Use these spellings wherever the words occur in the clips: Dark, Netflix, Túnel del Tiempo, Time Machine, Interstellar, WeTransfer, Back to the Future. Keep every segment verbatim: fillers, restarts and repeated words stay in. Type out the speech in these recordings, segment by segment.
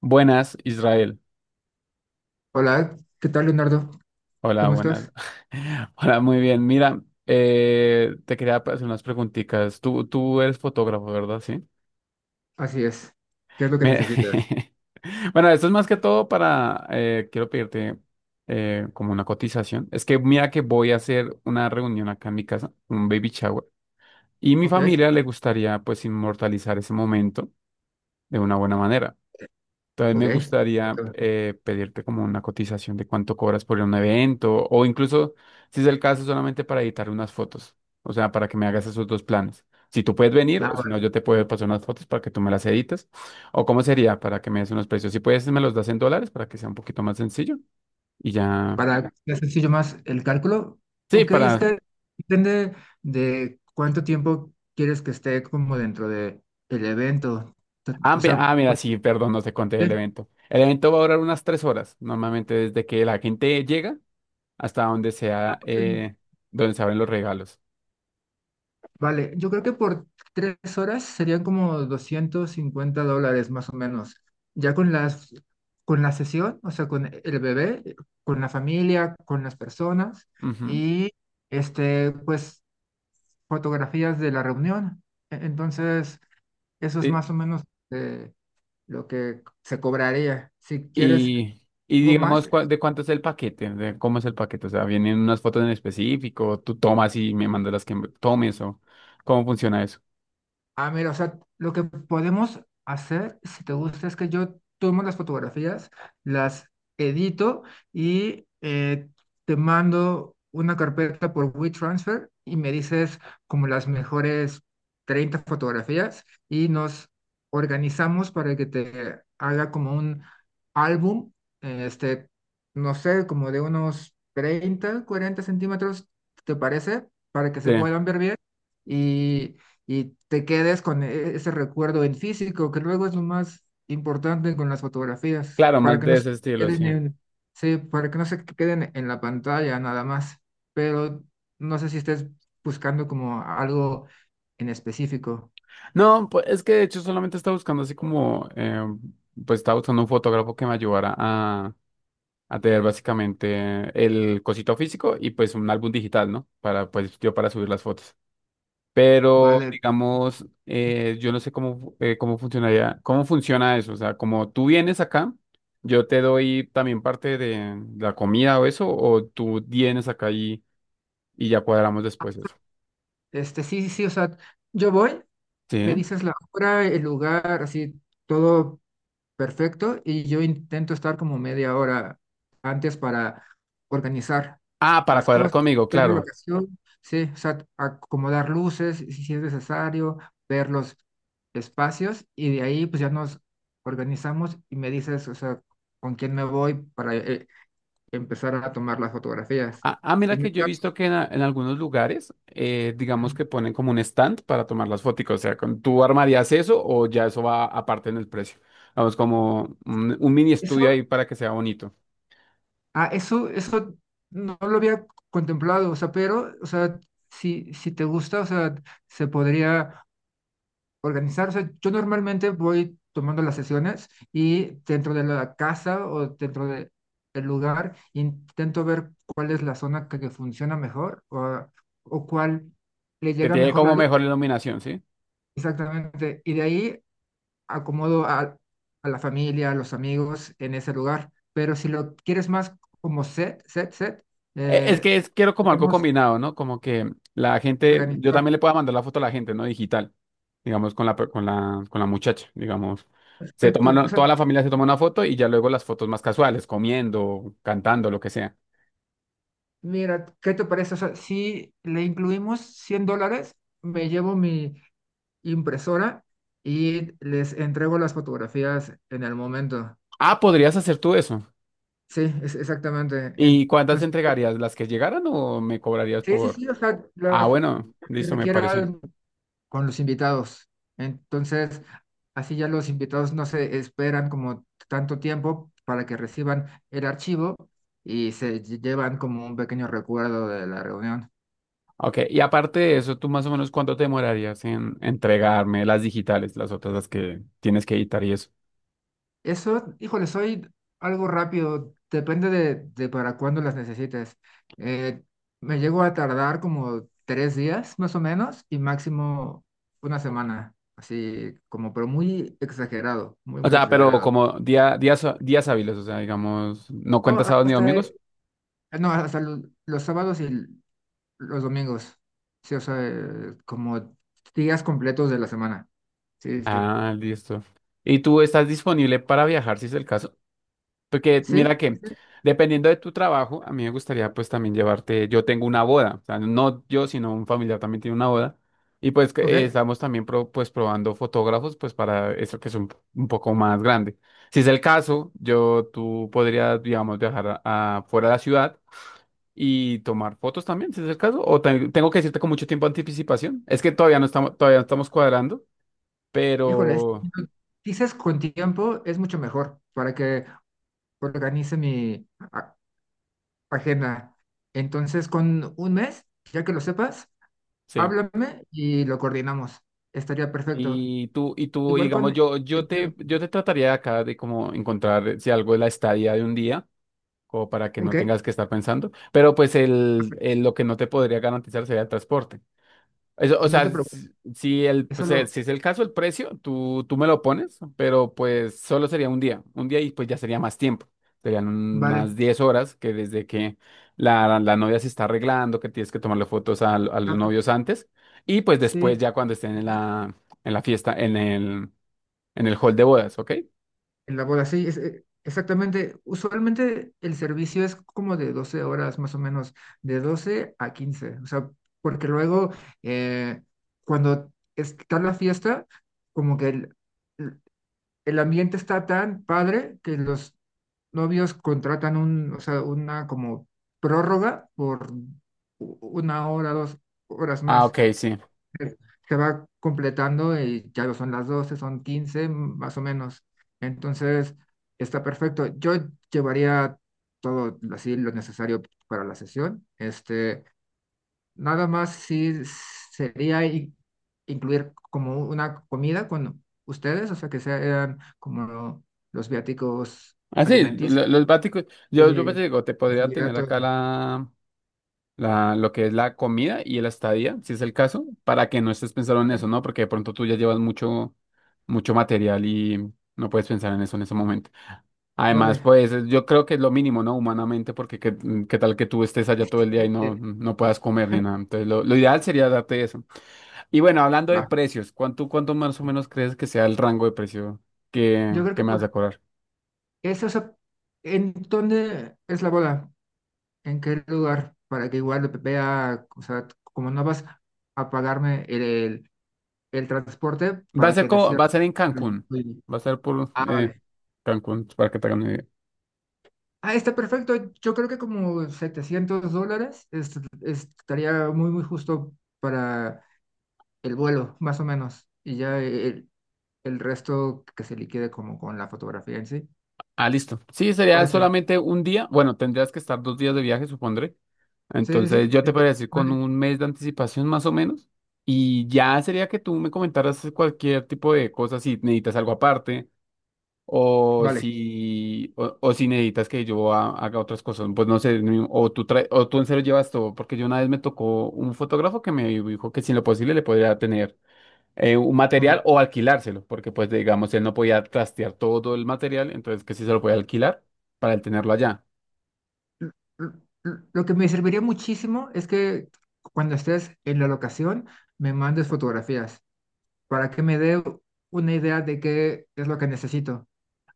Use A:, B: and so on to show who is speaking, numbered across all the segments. A: Buenas, Israel.
B: Hola, ¿qué tal, Leonardo?
A: Hola,
B: ¿Cómo
A: buenas.
B: estás?
A: Hola, muy bien. Mira, eh, te quería hacer unas preguntitas. Tú, tú eres fotógrafo, ¿verdad? Sí.
B: Así es. ¿Qué es lo que
A: Me-
B: necesitas?
A: Bueno, esto es más que todo para, eh, quiero pedirte eh, como una cotización. Es que mira que voy a hacer una reunión acá en mi casa, un baby shower, y mi
B: Ok,
A: familia le gustaría pues inmortalizar ese momento de una buena manera. También
B: ok,
A: me gustaría
B: ok.
A: eh, pedirte como una cotización de cuánto cobras por un evento o incluso, si es el caso, solamente para editar unas fotos. O sea, para que me hagas esos dos planes. Si tú puedes venir
B: Ah,
A: o si
B: bueno,
A: no, yo te puedo pasar unas fotos para que tú me las edites. O cómo sería para que me des unos precios. Si puedes, me los das en dólares para que sea un poquito más sencillo. Y ya.
B: para que sea sencillo más el cálculo.
A: Sí,
B: Ok, es
A: para...
B: que depende de cuánto tiempo quieres que esté como dentro de el evento. T-
A: Ah,
B: O
A: mi-
B: sea,
A: ah, mira,
B: por-
A: sí, perdón, no te conté el evento. El evento va a durar unas tres horas, normalmente desde que la gente llega hasta donde sea,
B: ¿Sí?
A: eh, donde se abren los regalos.
B: Vale, yo creo que por tres horas serían como doscientos cincuenta dólares más o menos. Ya con las, con la sesión, o sea, con el bebé, eh, con la familia, con las personas
A: Ujú.
B: y este, pues, fotografías de la reunión. E- Entonces, eso es
A: Y,
B: más o menos, eh, lo que se cobraría. Si quieres
A: y, y
B: algo más.
A: digamos, cua- ¿de cuánto es el paquete? ¿De cómo es el paquete? O sea, ¿vienen unas fotos en específico? ¿Tú tomas y me mandas las que me- tomes o cómo funciona eso?
B: Ah, mira, o sea, lo que podemos hacer, si te gusta, es que yo tomo las fotografías, las edito y, eh, te mando una carpeta por WeTransfer y me dices como las mejores treinta fotografías y nos organizamos para que te haga como un álbum, eh, este, no sé, como de unos treinta cuarenta centímetros. ¿Te parece? Para que
A: Sí,
B: se puedan ver bien. Y y te quedes con e- ese recuerdo en físico, que luego es lo más importante con las fotografías,
A: claro,
B: para
A: más
B: que
A: de
B: no se
A: ese estilo, sí.
B: queden en, sí, para que no se queden en la pantalla nada más. Pero no sé si estés buscando como algo en específico.
A: No, pues es que de hecho solamente estaba buscando así como, eh, pues estaba buscando un fotógrafo que me ayudara a, a tener básicamente el cosito físico y pues un álbum digital, ¿no? Para, pues yo para subir las fotos. Pero,
B: Vale,
A: digamos, eh, yo no sé cómo, fu- eh, cómo funcionaría, cómo funciona eso. O sea, como tú vienes acá, yo te doy también parte de la comida o eso, o tú vienes acá y, y ya cuadramos después eso.
B: este sí, sí, o sea, yo voy, me
A: Sí.
B: dices la hora, el lugar, así todo perfecto y yo intento estar como media hora antes para organizar
A: Ah, para
B: las
A: cuadrar
B: cosas,
A: conmigo,
B: ver la
A: claro.
B: locación, sí, o sea, acomodar luces si si es necesario, ver los espacios y de ahí pues ya nos organizamos y me dices, o sea, con quién me voy para, eh, empezar a tomar las fotografías.
A: Ah, ah, mira
B: Y me
A: que yo he
B: encargo-
A: visto que en, a- en algunos lugares, eh, digamos que ponen como un stand para tomar las fotos. O sea, con- ¿tú armarías eso o ya eso va aparte en el precio? Vamos, como un, un mini estudio
B: Eso,
A: ahí para que sea bonito.
B: ah, eso, eso no lo había contemplado, o sea. Pero, o sea, si, si te gusta, o sea, se podría organizar. O sea, yo normalmente voy tomando las sesiones y dentro de la casa o dentro de el lugar intento ver cuál es la zona que, que funciona mejor, o, o cuál le
A: Que
B: llega
A: tiene
B: mejor la
A: como
B: luz.
A: mejor iluminación, ¿sí?
B: Exactamente. Y de ahí acomodo a, a la familia, a los amigos en ese lugar. Pero si lo quieres más como set, set, set,
A: E- Es
B: eh,
A: que es, quiero como algo
B: podemos
A: combinado, ¿no? Como que la gente, yo
B: organizar.
A: también le pueda mandar la foto a la gente, ¿no? Digital, digamos, con la, per- con la, con la muchacha, digamos. Se
B: Perfecto. O
A: toman,
B: sea,
A: toda la familia se toma una foto y ya luego las fotos más casuales, comiendo, cantando, lo que sea.
B: mira, ¿qué te parece? O sea, si le incluimos cien dólares, me llevo mi impresora y les entrego las fotografías en el momento.
A: Ah, podrías hacer tú eso.
B: Sí, es exactamente.
A: ¿Y cuántas
B: Entonces,
A: entregarías? ¿Las que llegaran o me cobrarías
B: sí, sí,
A: por...?
B: sí, o sea,
A: Ah,
B: las
A: bueno,
B: que
A: listo, me parece.
B: requieran con los invitados. Entonces, así ya los invitados no se esperan como tanto tiempo para que reciban el archivo y se lle- llevan como un pequeño recuerdo de la reunión.
A: Ok, y aparte de eso, ¿tú más o menos cuánto te demorarías en entregarme las digitales, las otras, las que tienes que editar y eso?
B: Eso, híjole, soy algo rápido, depende de, de para cuándo las necesites. Eh, me llego a tardar como tres días más o menos y máximo una semana, así como, pero muy exagerado, muy,
A: O
B: muy
A: sea, pero
B: exagerado.
A: como día, días, días hábiles, o sea, digamos, ¿no
B: No,
A: cuentas sábados ni
B: hasta,
A: domingos?
B: eh, no, hasta lo- los sábados y l- los domingos, sí, o sea, eh, como días completos de la semana. Sí, sí.
A: Ah, listo. ¿Y tú estás disponible para viajar si es el caso? Porque
B: ¿Sí?
A: mira que,
B: ¿Sí?
A: dependiendo de tu trabajo, a mí me gustaría pues también llevarte, yo tengo una boda, o sea, no yo, sino un familiar también tiene una boda. Y pues que, eh,
B: Ok.
A: estamos también pro- pues probando fotógrafos pues para eso que es un, un poco más grande. Si es el caso, yo, tú podrías, digamos, viajar a- a fuera de la ciudad y tomar fotos también, si es el caso. O te- tengo que decirte con mucho tiempo de anticipación. Es que todavía no estamos, todavía no estamos cuadrando,
B: Híjole, sí,
A: pero
B: dices con tiempo es mucho mejor para que organice mi a- agenda. Entonces, con un mes, ya que lo sepas,
A: sí.
B: háblame y lo coordinamos. Estaría perfecto.
A: Y tú, y tú,
B: Igual con
A: digamos, yo, yo
B: el
A: te,
B: tiempo.
A: yo te trataría de acá de como encontrar si algo de la estadía de un día, como para que no
B: Ok,
A: tengas que estar pensando. Pero pues el, el- lo que no te podría garantizar sería el transporte. Eso, o
B: no te
A: sea,
B: preocupes.
A: si si el,
B: Eso
A: pues, eh,
B: lo
A: si es el caso, el precio, tú, tú me lo pones, pero pues solo sería un día, un día y pues ya sería más tiempo. Serían
B: vale.
A: unas diez horas que desde que la, la novia se está arreglando, que tienes que tomarle fotos a, a los
B: Exacto.
A: novios antes, y pues
B: Sí,
A: después ya cuando estén en la, en la fiesta, en el, en el hall de bodas, ¿ok?
B: en la boda, sí, es- eh, exactamente. Usualmente el servicio es como de doce horas más o menos, de doce a quince. O sea, porque luego, eh, cuando está la fiesta, como que el- el ambiente está tan padre que los novios contratan un, o sea, una como prórroga por u- una hora, dos horas
A: Ah,
B: más.
A: ok, sí.
B: Se se va completando y ya no son las doce, son quince más o menos. Entonces, está perfecto. Yo llevaría todo así lo necesario para la sesión. Este, nada más sí sería in- incluir como una comida con ustedes, o sea, que sean como los viáticos
A: Ah, sí,
B: alimenticios
A: lo- los váticos, yo, yo pues,
B: y
A: digo, te podría
B: comida
A: tener
B: toda.
A: acá la, la, lo que es la comida y el estadía, si es el caso, para que no estés pensando en
B: Vale,
A: eso, ¿no? Porque de pronto tú ya llevas mucho, mucho material y no puedes pensar en eso en ese momento. Además,
B: vale.
A: pues es- yo creo que es lo mínimo, ¿no? Humanamente, porque qué, qué tal que tú estés allá todo el día y no,
B: Este,
A: no puedas comer ni nada. Entonces, lo, lo ideal sería darte eso. Y bueno, hablando de
B: va.
A: precios, ¿cuánto, ¿cuánto más o menos crees que sea el rango de precio que,
B: Yo creo que
A: que me vas a
B: por
A: cobrar?
B: eso, o sea, ¿en dónde es la boda? ¿En qué lugar? Para que igual vea, o sea, como no vas a pagarme el, el, el transporte,
A: Va a
B: para
A: ser
B: que te
A: como,
B: cierre.
A: va a ser en Cancún. Va a ser por
B: Ah,
A: eh,
B: vale.
A: Cancún, para que te hagan una idea.
B: Ah, está perfecto. Yo creo que como setecientos dólares est- estaría muy, muy justo para el vuelo, más o menos. Y ya el, el resto que se liquide como con la fotografía en sí.
A: Ah, listo. Sí, sería
B: Parece.
A: solamente un día. Bueno, tendrías que estar dos días de viaje, supondré.
B: Sí, sí,
A: Entonces, yo
B: sí.
A: te podría decir con
B: Vale,
A: un mes de anticipación más o menos. Y ya sería que tú me comentaras cualquier tipo de cosas, si necesitas algo aparte o
B: vale,
A: si, o, o si necesitas que yo ha- haga otras cosas. Pues no sé, ni- o tú, trae- o tú en serio llevas todo, porque yo una vez me tocó un fotógrafo que me dijo que si en lo posible le podría tener eh, un
B: ok.
A: material o alquilárselo, porque pues digamos él no podía trastear todo el material, entonces que sí se lo podía alquilar para él tenerlo allá.
B: L- l- Lo que me serviría muchísimo es que cuando estés en la locación me mandes fotografías para que me dé una idea de qué es lo que necesito.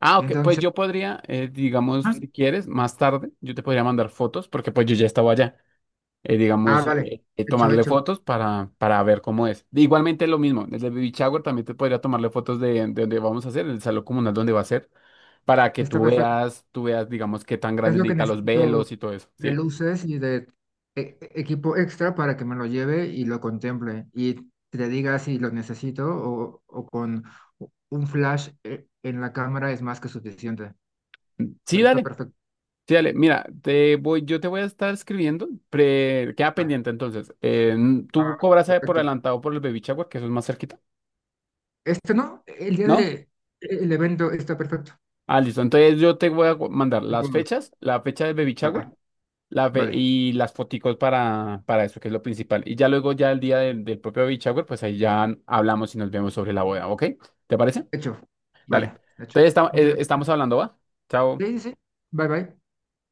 A: Ah, ok, pues
B: Entonces,
A: yo podría, eh, digamos,
B: ah,
A: si quieres, más tarde, yo te podría mandar fotos, porque pues yo ya estaba allá, eh,
B: ah,
A: digamos,
B: vale.
A: eh, eh,
B: Hecho,
A: tomarle
B: hecho.
A: fotos para, para ver cómo es. Igualmente lo mismo, desde el baby shower también te podría tomarle fotos de, de donde vamos a hacer, el salón comunal donde va a ser, para que
B: Está
A: tú
B: perfecto.
A: veas, tú veas, digamos, qué tan
B: Es
A: grande
B: lo que
A: necesita los
B: necesito
A: velos y todo eso,
B: de
A: sí.
B: luces y de e- e- equipo extra para que me lo lleve y lo contemple y te diga si lo necesito, o, o con un flash e- en la cámara es más que suficiente.
A: Sí,
B: Pero está
A: dale.
B: perfecto.
A: Sí, dale, mira, te voy, yo te voy a estar escribiendo, pre- queda
B: Ah,
A: pendiente entonces. Eh, n-
B: ah,
A: tú cobras eh, por
B: perfecto.
A: adelantado por el baby shower, que eso es más cerquita,
B: Este no, el día
A: ¿no?
B: de el evento está perfecto.
A: Ah, listo. Entonces yo te voy a gu- mandar las
B: Todo.
A: fechas, la fecha del baby shower,
B: Ah,
A: la fe-
B: vale,
A: y las foticos para, para eso, que es lo principal. Y ya luego, ya el día del, del propio baby shower, pues ahí ya hablamos y nos vemos sobre la boda, ¿ok? ¿Te parece?
B: hecho.
A: Dale.
B: Vale, hecho.
A: Entonces esta-
B: Muchas
A: eh,
B: gracias.
A: estamos hablando, ¿va?
B: Sí,
A: Chao.
B: sí, sí. Bye, bye.